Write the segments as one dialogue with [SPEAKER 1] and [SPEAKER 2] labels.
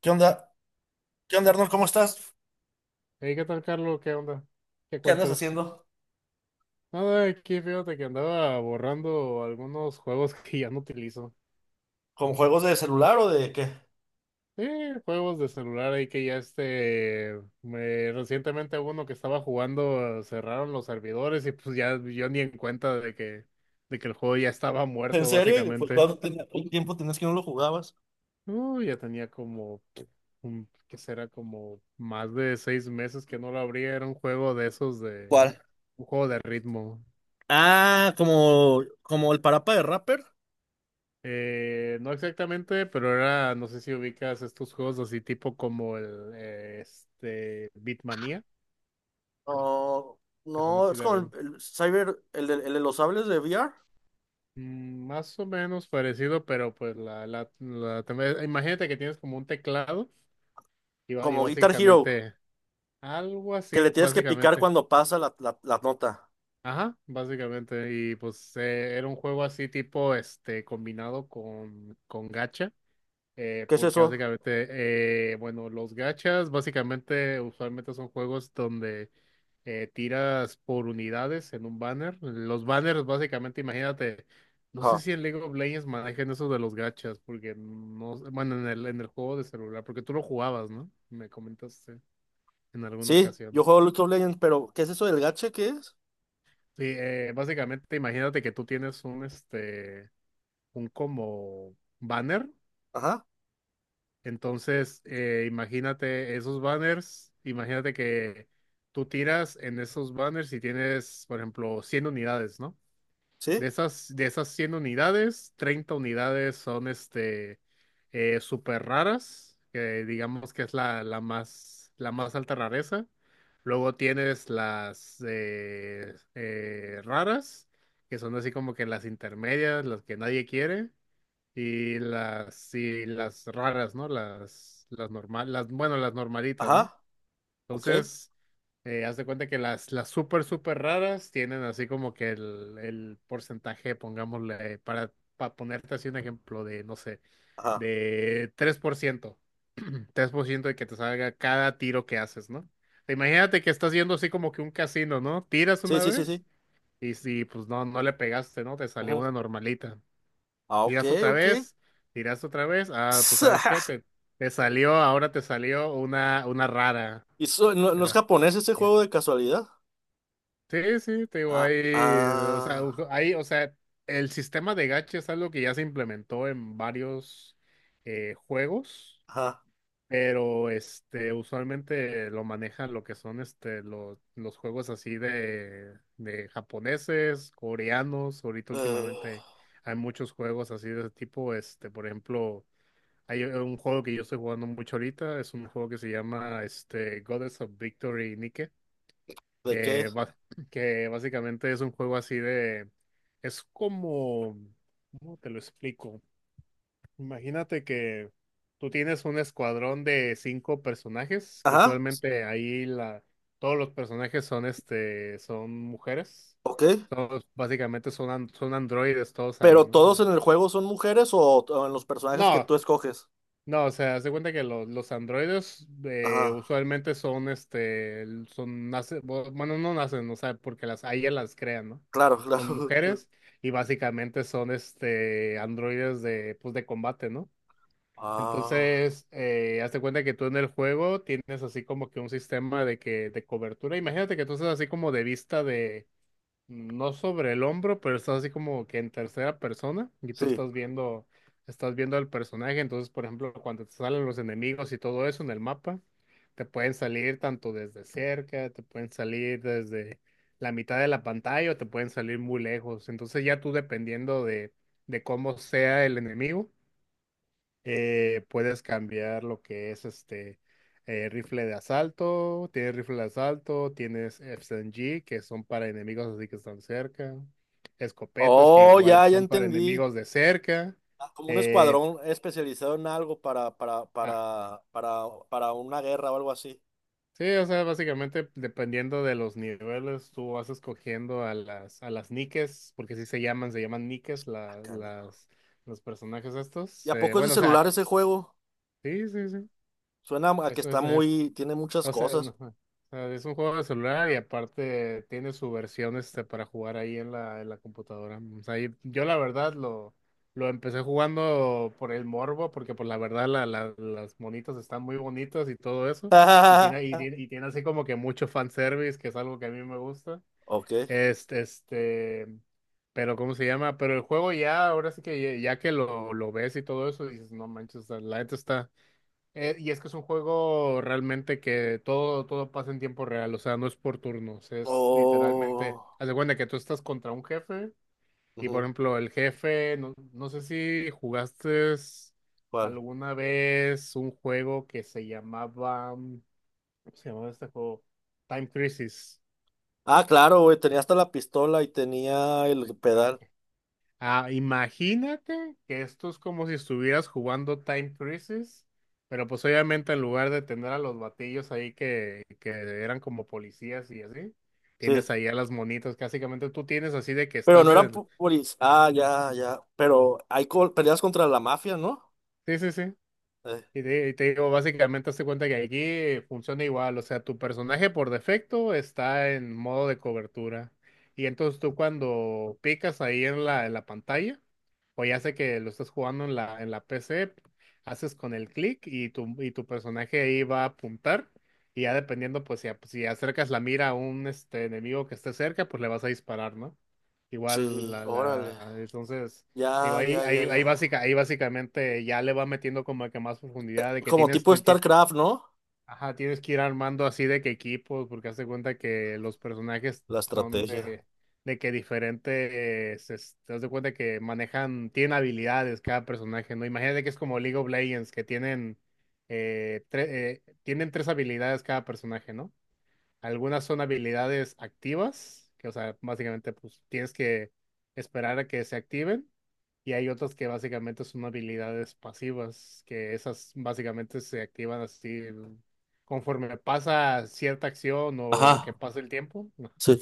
[SPEAKER 1] ¿Qué onda? ¿Qué onda, Arnold? ¿Cómo estás?
[SPEAKER 2] Hey, ¿qué tal, Carlos? ¿Qué onda? ¿Qué
[SPEAKER 1] ¿Qué andas
[SPEAKER 2] cuentas?
[SPEAKER 1] haciendo?
[SPEAKER 2] Nada, aquí fíjate que andaba borrando algunos juegos que ya no utilizo.
[SPEAKER 1] ¿Con juegos de celular o de qué?
[SPEAKER 2] Sí, juegos de celular ahí que ya recientemente uno que estaba jugando cerraron los servidores y pues ya yo ni en cuenta de que el juego ya estaba
[SPEAKER 1] ¿En
[SPEAKER 2] muerto
[SPEAKER 1] serio? ¿Y pues
[SPEAKER 2] básicamente.
[SPEAKER 1] cuánto cuánto tiempo tenías que no lo jugabas?
[SPEAKER 2] Ya tenía como, ¿qué será? Como más de 6 meses que no lo abría. Era un juego de esos de,
[SPEAKER 1] ¿Cuál?
[SPEAKER 2] un juego de ritmo.
[SPEAKER 1] Ah, como, como el parapa de rapper.
[SPEAKER 2] No exactamente, pero era, no sé si ubicas estos juegos así tipo como el Beatmania,
[SPEAKER 1] No,
[SPEAKER 2] que son
[SPEAKER 1] no,
[SPEAKER 2] así
[SPEAKER 1] es
[SPEAKER 2] de
[SPEAKER 1] como el,
[SPEAKER 2] ritmo.
[SPEAKER 1] el Cyber, el de los sables de VR,
[SPEAKER 2] Más o menos parecido, pero pues imagínate que tienes como un teclado y
[SPEAKER 1] como Guitar Hero,
[SPEAKER 2] básicamente algo
[SPEAKER 1] que le
[SPEAKER 2] así,
[SPEAKER 1] tienes que picar
[SPEAKER 2] básicamente.
[SPEAKER 1] cuando pasa la nota.
[SPEAKER 2] Ajá, básicamente. Y pues era un juego así tipo combinado con gacha.
[SPEAKER 1] ¿Qué es
[SPEAKER 2] Porque
[SPEAKER 1] eso?
[SPEAKER 2] básicamente, bueno, los gachas básicamente usualmente son juegos donde tiras por unidades en un banner. Los banners básicamente, imagínate, no sé
[SPEAKER 1] Ajá.
[SPEAKER 2] si en League of Legends manejan eso de los gachas, porque no, sé- bueno, en el juego de celular, porque tú lo jugabas, ¿no? Me comentaste en alguna
[SPEAKER 1] Sí, yo
[SPEAKER 2] ocasión.
[SPEAKER 1] juego League of Legends, pero ¿qué es eso del gacha? ¿Qué es?
[SPEAKER 2] Sí, básicamente imagínate que tú tienes un como banner.
[SPEAKER 1] Ajá,
[SPEAKER 2] Entonces, imagínate esos banners, imagínate que tú tiras en esos banners y tienes, por ejemplo, 100 unidades, ¿no?
[SPEAKER 1] sí,
[SPEAKER 2] De esas 100 unidades, 30 unidades son súper raras, que digamos que es la, la más alta rareza. Luego tienes las raras, que son así como que las intermedias, las que nadie quiere. Y las raras, ¿no? Las normal, las, bueno, las normalitas, ¿no?
[SPEAKER 1] ajá, ok,
[SPEAKER 2] Entonces, haz de cuenta que las súper, súper raras tienen así como que el porcentaje, pongámosle, para ponerte así un ejemplo de, no sé,
[SPEAKER 1] ajá,
[SPEAKER 2] de tres por ciento 3% de que te salga cada tiro que haces, ¿no? Imagínate que estás yendo así como que un casino, ¿no? Tiras
[SPEAKER 1] sí,
[SPEAKER 2] una
[SPEAKER 1] sí, sí,
[SPEAKER 2] vez
[SPEAKER 1] sí.
[SPEAKER 2] y pues no, no le pegaste, ¿no? Te salió una normalita.
[SPEAKER 1] Ah, ok,
[SPEAKER 2] Tiras otra
[SPEAKER 1] ok.
[SPEAKER 2] vez, tiras otra vez. Ah, pues ¿sabes qué? Te salió, ahora te salió una rara.
[SPEAKER 1] ¿Y no, no es
[SPEAKER 2] Pero,
[SPEAKER 1] japonés ese
[SPEAKER 2] ya.
[SPEAKER 1] juego de casualidad?
[SPEAKER 2] Sí, sí, te digo,
[SPEAKER 1] Ah,
[SPEAKER 2] ahí, o sea,
[SPEAKER 1] ah,
[SPEAKER 2] el sistema de gacha es algo que ya se implementó en varios juegos,
[SPEAKER 1] ajá.
[SPEAKER 2] pero usualmente lo manejan lo que son los juegos así de japoneses, coreanos, ahorita
[SPEAKER 1] Eh,
[SPEAKER 2] últimamente hay muchos juegos así de ese tipo, por ejemplo. Hay un juego que yo estoy jugando mucho ahorita, es un juego que se llama Goddess of Victory Nike,
[SPEAKER 1] ¿De qué
[SPEAKER 2] que,
[SPEAKER 1] es?
[SPEAKER 2] ba- que básicamente es un juego así de... Es como... ¿Cómo te lo explico? Imagínate que tú tienes un escuadrón de cinco personajes, que
[SPEAKER 1] Ajá,
[SPEAKER 2] usualmente todos los personajes son mujeres.
[SPEAKER 1] ok.
[SPEAKER 2] Todos, básicamente son androides todos ahí,
[SPEAKER 1] ¿Pero
[SPEAKER 2] ¿no?
[SPEAKER 1] todos en el juego son mujeres o en los personajes que
[SPEAKER 2] No,
[SPEAKER 1] tú escoges?
[SPEAKER 2] no, o sea, haz de cuenta que los androides
[SPEAKER 1] Ajá,
[SPEAKER 2] usualmente son, este, son, nace, bu- bueno, no nacen, o sea, porque a ellas las crean, ¿no?
[SPEAKER 1] claro, claro.
[SPEAKER 2] Son mujeres y básicamente son, androides pues, de combate, ¿no?
[SPEAKER 1] Ah,
[SPEAKER 2] Entonces, haz de cuenta que tú en el juego tienes así como que un sistema de cobertura. Imagínate que tú estás así como de vista no sobre el hombro, pero estás así como que en tercera persona y tú
[SPEAKER 1] sí.
[SPEAKER 2] estás viendo al personaje. Entonces, por ejemplo, cuando te salen los enemigos y todo eso en el mapa, te pueden salir tanto desde cerca, te pueden salir desde la mitad de la pantalla o te pueden salir muy lejos. Entonces, ya tú dependiendo de cómo sea el enemigo. Puedes cambiar lo que es rifle de asalto, tienes rifle de asalto, tienes FSG que son para enemigos así que están cerca, escopetas que
[SPEAKER 1] Oh,
[SPEAKER 2] igual
[SPEAKER 1] ya, ya
[SPEAKER 2] son para
[SPEAKER 1] entendí.
[SPEAKER 2] enemigos de cerca.
[SPEAKER 1] Ah, como un
[SPEAKER 2] eh,
[SPEAKER 1] escuadrón especializado en algo para, para,
[SPEAKER 2] ah,
[SPEAKER 1] para, para, para una guerra o algo así.
[SPEAKER 2] sí, o sea, básicamente dependiendo de los niveles, tú vas escogiendo a las niques, porque así se llaman niques
[SPEAKER 1] Ah, caña.
[SPEAKER 2] los personajes
[SPEAKER 1] ¿Y
[SPEAKER 2] estos.
[SPEAKER 1] a poco es de
[SPEAKER 2] Bueno, o sea,
[SPEAKER 1] celular ese juego?
[SPEAKER 2] sí, sí, sí.
[SPEAKER 1] Suena a que
[SPEAKER 2] Eso
[SPEAKER 1] está
[SPEAKER 2] es,
[SPEAKER 1] muy, tiene muchas
[SPEAKER 2] o sea, no,
[SPEAKER 1] cosas.
[SPEAKER 2] o sea, es un juego de celular y aparte tiene su versión para jugar ahí en la computadora. O sea, y yo la verdad lo empecé jugando por el morbo, porque por la verdad las monitas están muy bonitas y todo eso. Y tiene, y tiene, y tiene así como que mucho fanservice, que es algo que a mí me gusta.
[SPEAKER 1] Ok.
[SPEAKER 2] Este, este, pero ¿cómo se llama? Pero el juego ya, ahora sí que ya, ya que lo ves y todo eso, dices, no manches, o sea, la gente está. Y es que es un juego realmente que todo, todo pasa en tiempo real, o sea, no es por turnos, es literalmente,
[SPEAKER 1] Oh.
[SPEAKER 2] haz de cuenta que tú estás contra un jefe y por
[SPEAKER 1] Ujú.
[SPEAKER 2] ejemplo el jefe, no, no sé si jugaste
[SPEAKER 1] ¿Cuál?
[SPEAKER 2] alguna vez un juego que se llamaba, ¿cómo se llamaba este juego? Time Crisis.
[SPEAKER 1] Ah, claro, güey, tenía hasta la pistola y tenía el
[SPEAKER 2] Ah,
[SPEAKER 1] pedal.
[SPEAKER 2] ok. Ah, imagínate que esto es como si estuvieras jugando Time Crisis, pero pues obviamente en lugar de tener a los batillos ahí que eran como policías y así,
[SPEAKER 1] Sí.
[SPEAKER 2] tienes ahí a las monitas, que básicamente tú tienes así de que
[SPEAKER 1] Pero
[SPEAKER 2] estás
[SPEAKER 1] no
[SPEAKER 2] en
[SPEAKER 1] eran
[SPEAKER 2] el...
[SPEAKER 1] puris. Ah, ya, ya. Pero peleas contra la mafia, ¿no?
[SPEAKER 2] Sí, sí, sí.
[SPEAKER 1] Eh,
[SPEAKER 2] Y te digo, básicamente hazte cuenta que aquí funciona igual, o sea, tu personaje por defecto está en modo de cobertura. Y entonces tú cuando picas ahí en la pantalla, o ya sé que lo estás jugando en la PC, haces con el clic y tu personaje ahí va a apuntar. Y ya dependiendo, pues si acercas la mira a un enemigo que esté cerca, pues le vas a disparar, ¿no? Igual,
[SPEAKER 1] sí, órale.
[SPEAKER 2] entonces... Digo,
[SPEAKER 1] Ya, ya, ya, ya.
[SPEAKER 2] ahí básicamente ya le va metiendo como que más profundidad de que
[SPEAKER 1] Como
[SPEAKER 2] tienes,
[SPEAKER 1] tipo StarCraft, ¿no?
[SPEAKER 2] ajá, tienes que ir armando así de que equipos, porque hazte cuenta que los personajes
[SPEAKER 1] La
[SPEAKER 2] son
[SPEAKER 1] estrategia.
[SPEAKER 2] de que diferentes, te das de cuenta que manejan, tienen habilidades cada personaje, ¿no? Imagínate que es como League of Legends, tienen tres habilidades cada personaje, ¿no? Algunas son habilidades activas, que o sea, básicamente pues tienes que esperar a que se activen y hay otras que básicamente son habilidades pasivas, que esas básicamente se activan así conforme pasa cierta acción o que
[SPEAKER 1] Ajá.
[SPEAKER 2] pasa el tiempo, ¿no?
[SPEAKER 1] Sí.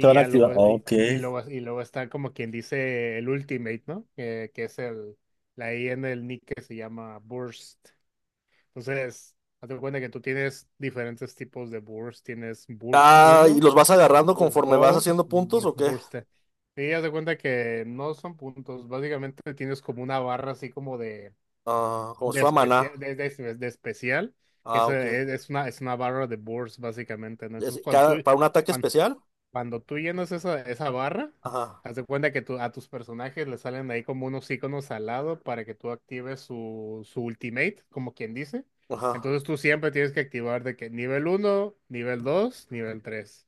[SPEAKER 1] Se van a
[SPEAKER 2] ya
[SPEAKER 1] activar.
[SPEAKER 2] luego,
[SPEAKER 1] Ok.
[SPEAKER 2] y luego está como quien dice el Ultimate, ¿no? Que es el, la I en el nick que se llama Burst. Entonces, hazte cuenta que tú tienes diferentes tipos de Burst. Tienes Burst
[SPEAKER 1] Ah, ¿y
[SPEAKER 2] uno,
[SPEAKER 1] los vas agarrando
[SPEAKER 2] Burst
[SPEAKER 1] conforme vas
[SPEAKER 2] 2,
[SPEAKER 1] haciendo puntos o qué?
[SPEAKER 2] Burst T. Sí, haz de cuenta que no son puntos. Básicamente tienes como una barra así como
[SPEAKER 1] Ah, como si
[SPEAKER 2] de
[SPEAKER 1] fuera maná.
[SPEAKER 2] especial, de especial, que
[SPEAKER 1] Ah, ok.
[SPEAKER 2] es una barra de Burst, básicamente, ¿no? Entonces, cuando
[SPEAKER 1] Cada,
[SPEAKER 2] tú,
[SPEAKER 1] para un ataque
[SPEAKER 2] cuan-
[SPEAKER 1] especial.
[SPEAKER 2] cuando, tú llenas esa barra,
[SPEAKER 1] Ajá,
[SPEAKER 2] haz de cuenta que a tus personajes le salen ahí como unos iconos al lado para que tú actives su ultimate, como quien dice.
[SPEAKER 1] ajá.
[SPEAKER 2] Entonces tú siempre tienes que activar de que nivel uno, nivel 2, nivel 3.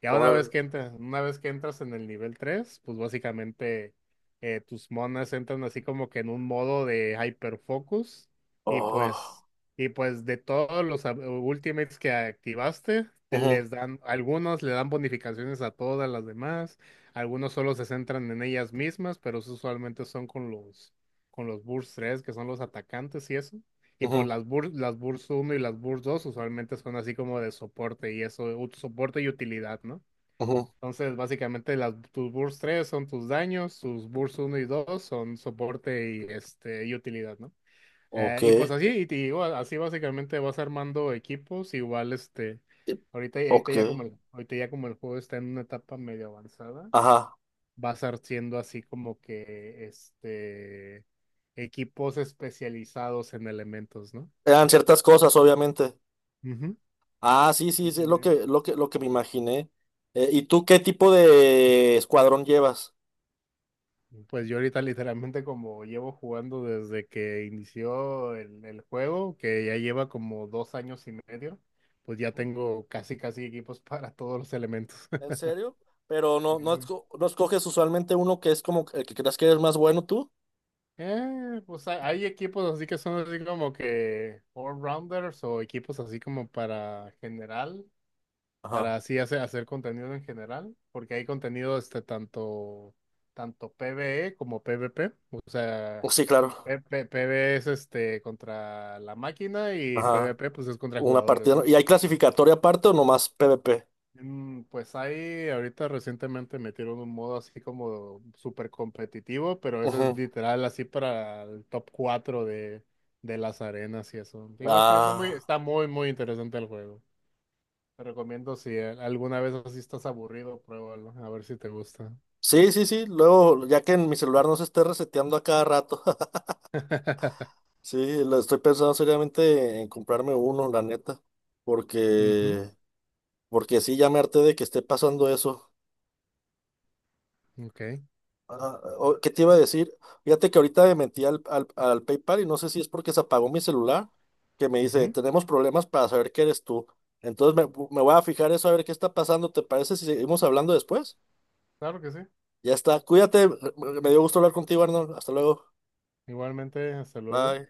[SPEAKER 2] Ya
[SPEAKER 1] Órale.
[SPEAKER 2] una vez que entras en el nivel 3 pues básicamente tus monas entran así como que en un modo de hyperfocus y pues
[SPEAKER 1] Oh.
[SPEAKER 2] de todos los ultimates que activaste, te
[SPEAKER 1] Ujú,
[SPEAKER 2] les dan algunos le dan bonificaciones a todas las demás, algunos solo se centran en ellas mismas, pero eso usualmente son con los burst 3 que son los atacantes y eso. Tipo,
[SPEAKER 1] ujú,
[SPEAKER 2] las burs uno y las burs 2 usualmente son así como de soporte y eso, soporte y utilidad, ¿no?
[SPEAKER 1] ujú.
[SPEAKER 2] Entonces, básicamente las, tus burs 3 son tus daños, tus burs uno y 2 son soporte y utilidad, ¿no?
[SPEAKER 1] Ok.
[SPEAKER 2] Y pues así, y te digo, así básicamente vas armando equipos, igual
[SPEAKER 1] Ok.
[SPEAKER 2] ahorita ya como el juego está en una etapa medio avanzada,
[SPEAKER 1] Ajá.
[SPEAKER 2] vas haciendo así como que equipos especializados en elementos, ¿no?
[SPEAKER 1] Eran ciertas cosas, obviamente.
[SPEAKER 2] Ujú.
[SPEAKER 1] Ah, sí, sí,
[SPEAKER 2] en
[SPEAKER 1] sí, es lo
[SPEAKER 2] el-
[SPEAKER 1] que, lo que, lo que me imaginé. ¿Y tú qué tipo de escuadrón llevas?
[SPEAKER 2] Pues yo ahorita literalmente como llevo jugando desde que inició el juego, que ya lleva como 2 años y medio, pues ya
[SPEAKER 1] Ujú.
[SPEAKER 2] tengo casi casi equipos para todos los elementos.
[SPEAKER 1] ¿En serio? Pero
[SPEAKER 2] Ujú.
[SPEAKER 1] no escoges usualmente uno que es como el que creas que eres más bueno tú.
[SPEAKER 2] Pues hay equipos así que son así como que all-rounders o equipos así como para general,
[SPEAKER 1] Ajá.
[SPEAKER 2] para así hacer contenido en general, porque hay contenido tanto, tanto PvE como PvP, o sea,
[SPEAKER 1] Sí, claro.
[SPEAKER 2] PvE es contra la máquina y
[SPEAKER 1] Ajá.
[SPEAKER 2] PvP pues es contra
[SPEAKER 1] Una
[SPEAKER 2] jugadores,
[SPEAKER 1] partida, ¿no?
[SPEAKER 2] ¿no?
[SPEAKER 1] ¿Y hay clasificatoria aparte o nomás PvP?
[SPEAKER 2] Pues ahí ahorita recientemente metieron un modo así como súper competitivo, pero eso es literal así para el top 4 de las arenas y eso. Digo,
[SPEAKER 1] Ah,
[SPEAKER 2] está muy, muy interesante el juego. Te recomiendo si alguna vez así estás aburrido, pruébalo, a ver si te gusta.
[SPEAKER 1] sí, sí, sí. Luego, ya que en mi celular no se esté reseteando a cada rato. Sí, lo estoy pensando seriamente en comprarme uno, la neta.
[SPEAKER 2] Ujú,
[SPEAKER 1] Porque, porque sí, ya me harté de que esté pasando eso.
[SPEAKER 2] ok.
[SPEAKER 1] Ah, ¿qué te iba a decir? Fíjate que ahorita me metí al PayPal y no sé si es porque se apagó mi celular, que me dice,
[SPEAKER 2] Ujú,
[SPEAKER 1] tenemos problemas para saber que eres tú. Entonces me voy a fijar eso a ver qué está pasando. ¿Te parece si seguimos hablando después?
[SPEAKER 2] claro que sí.
[SPEAKER 1] Ya está. Cuídate. Me dio gusto hablar contigo, Arnold. Hasta luego.
[SPEAKER 2] Igualmente, hasta luego.
[SPEAKER 1] Bye.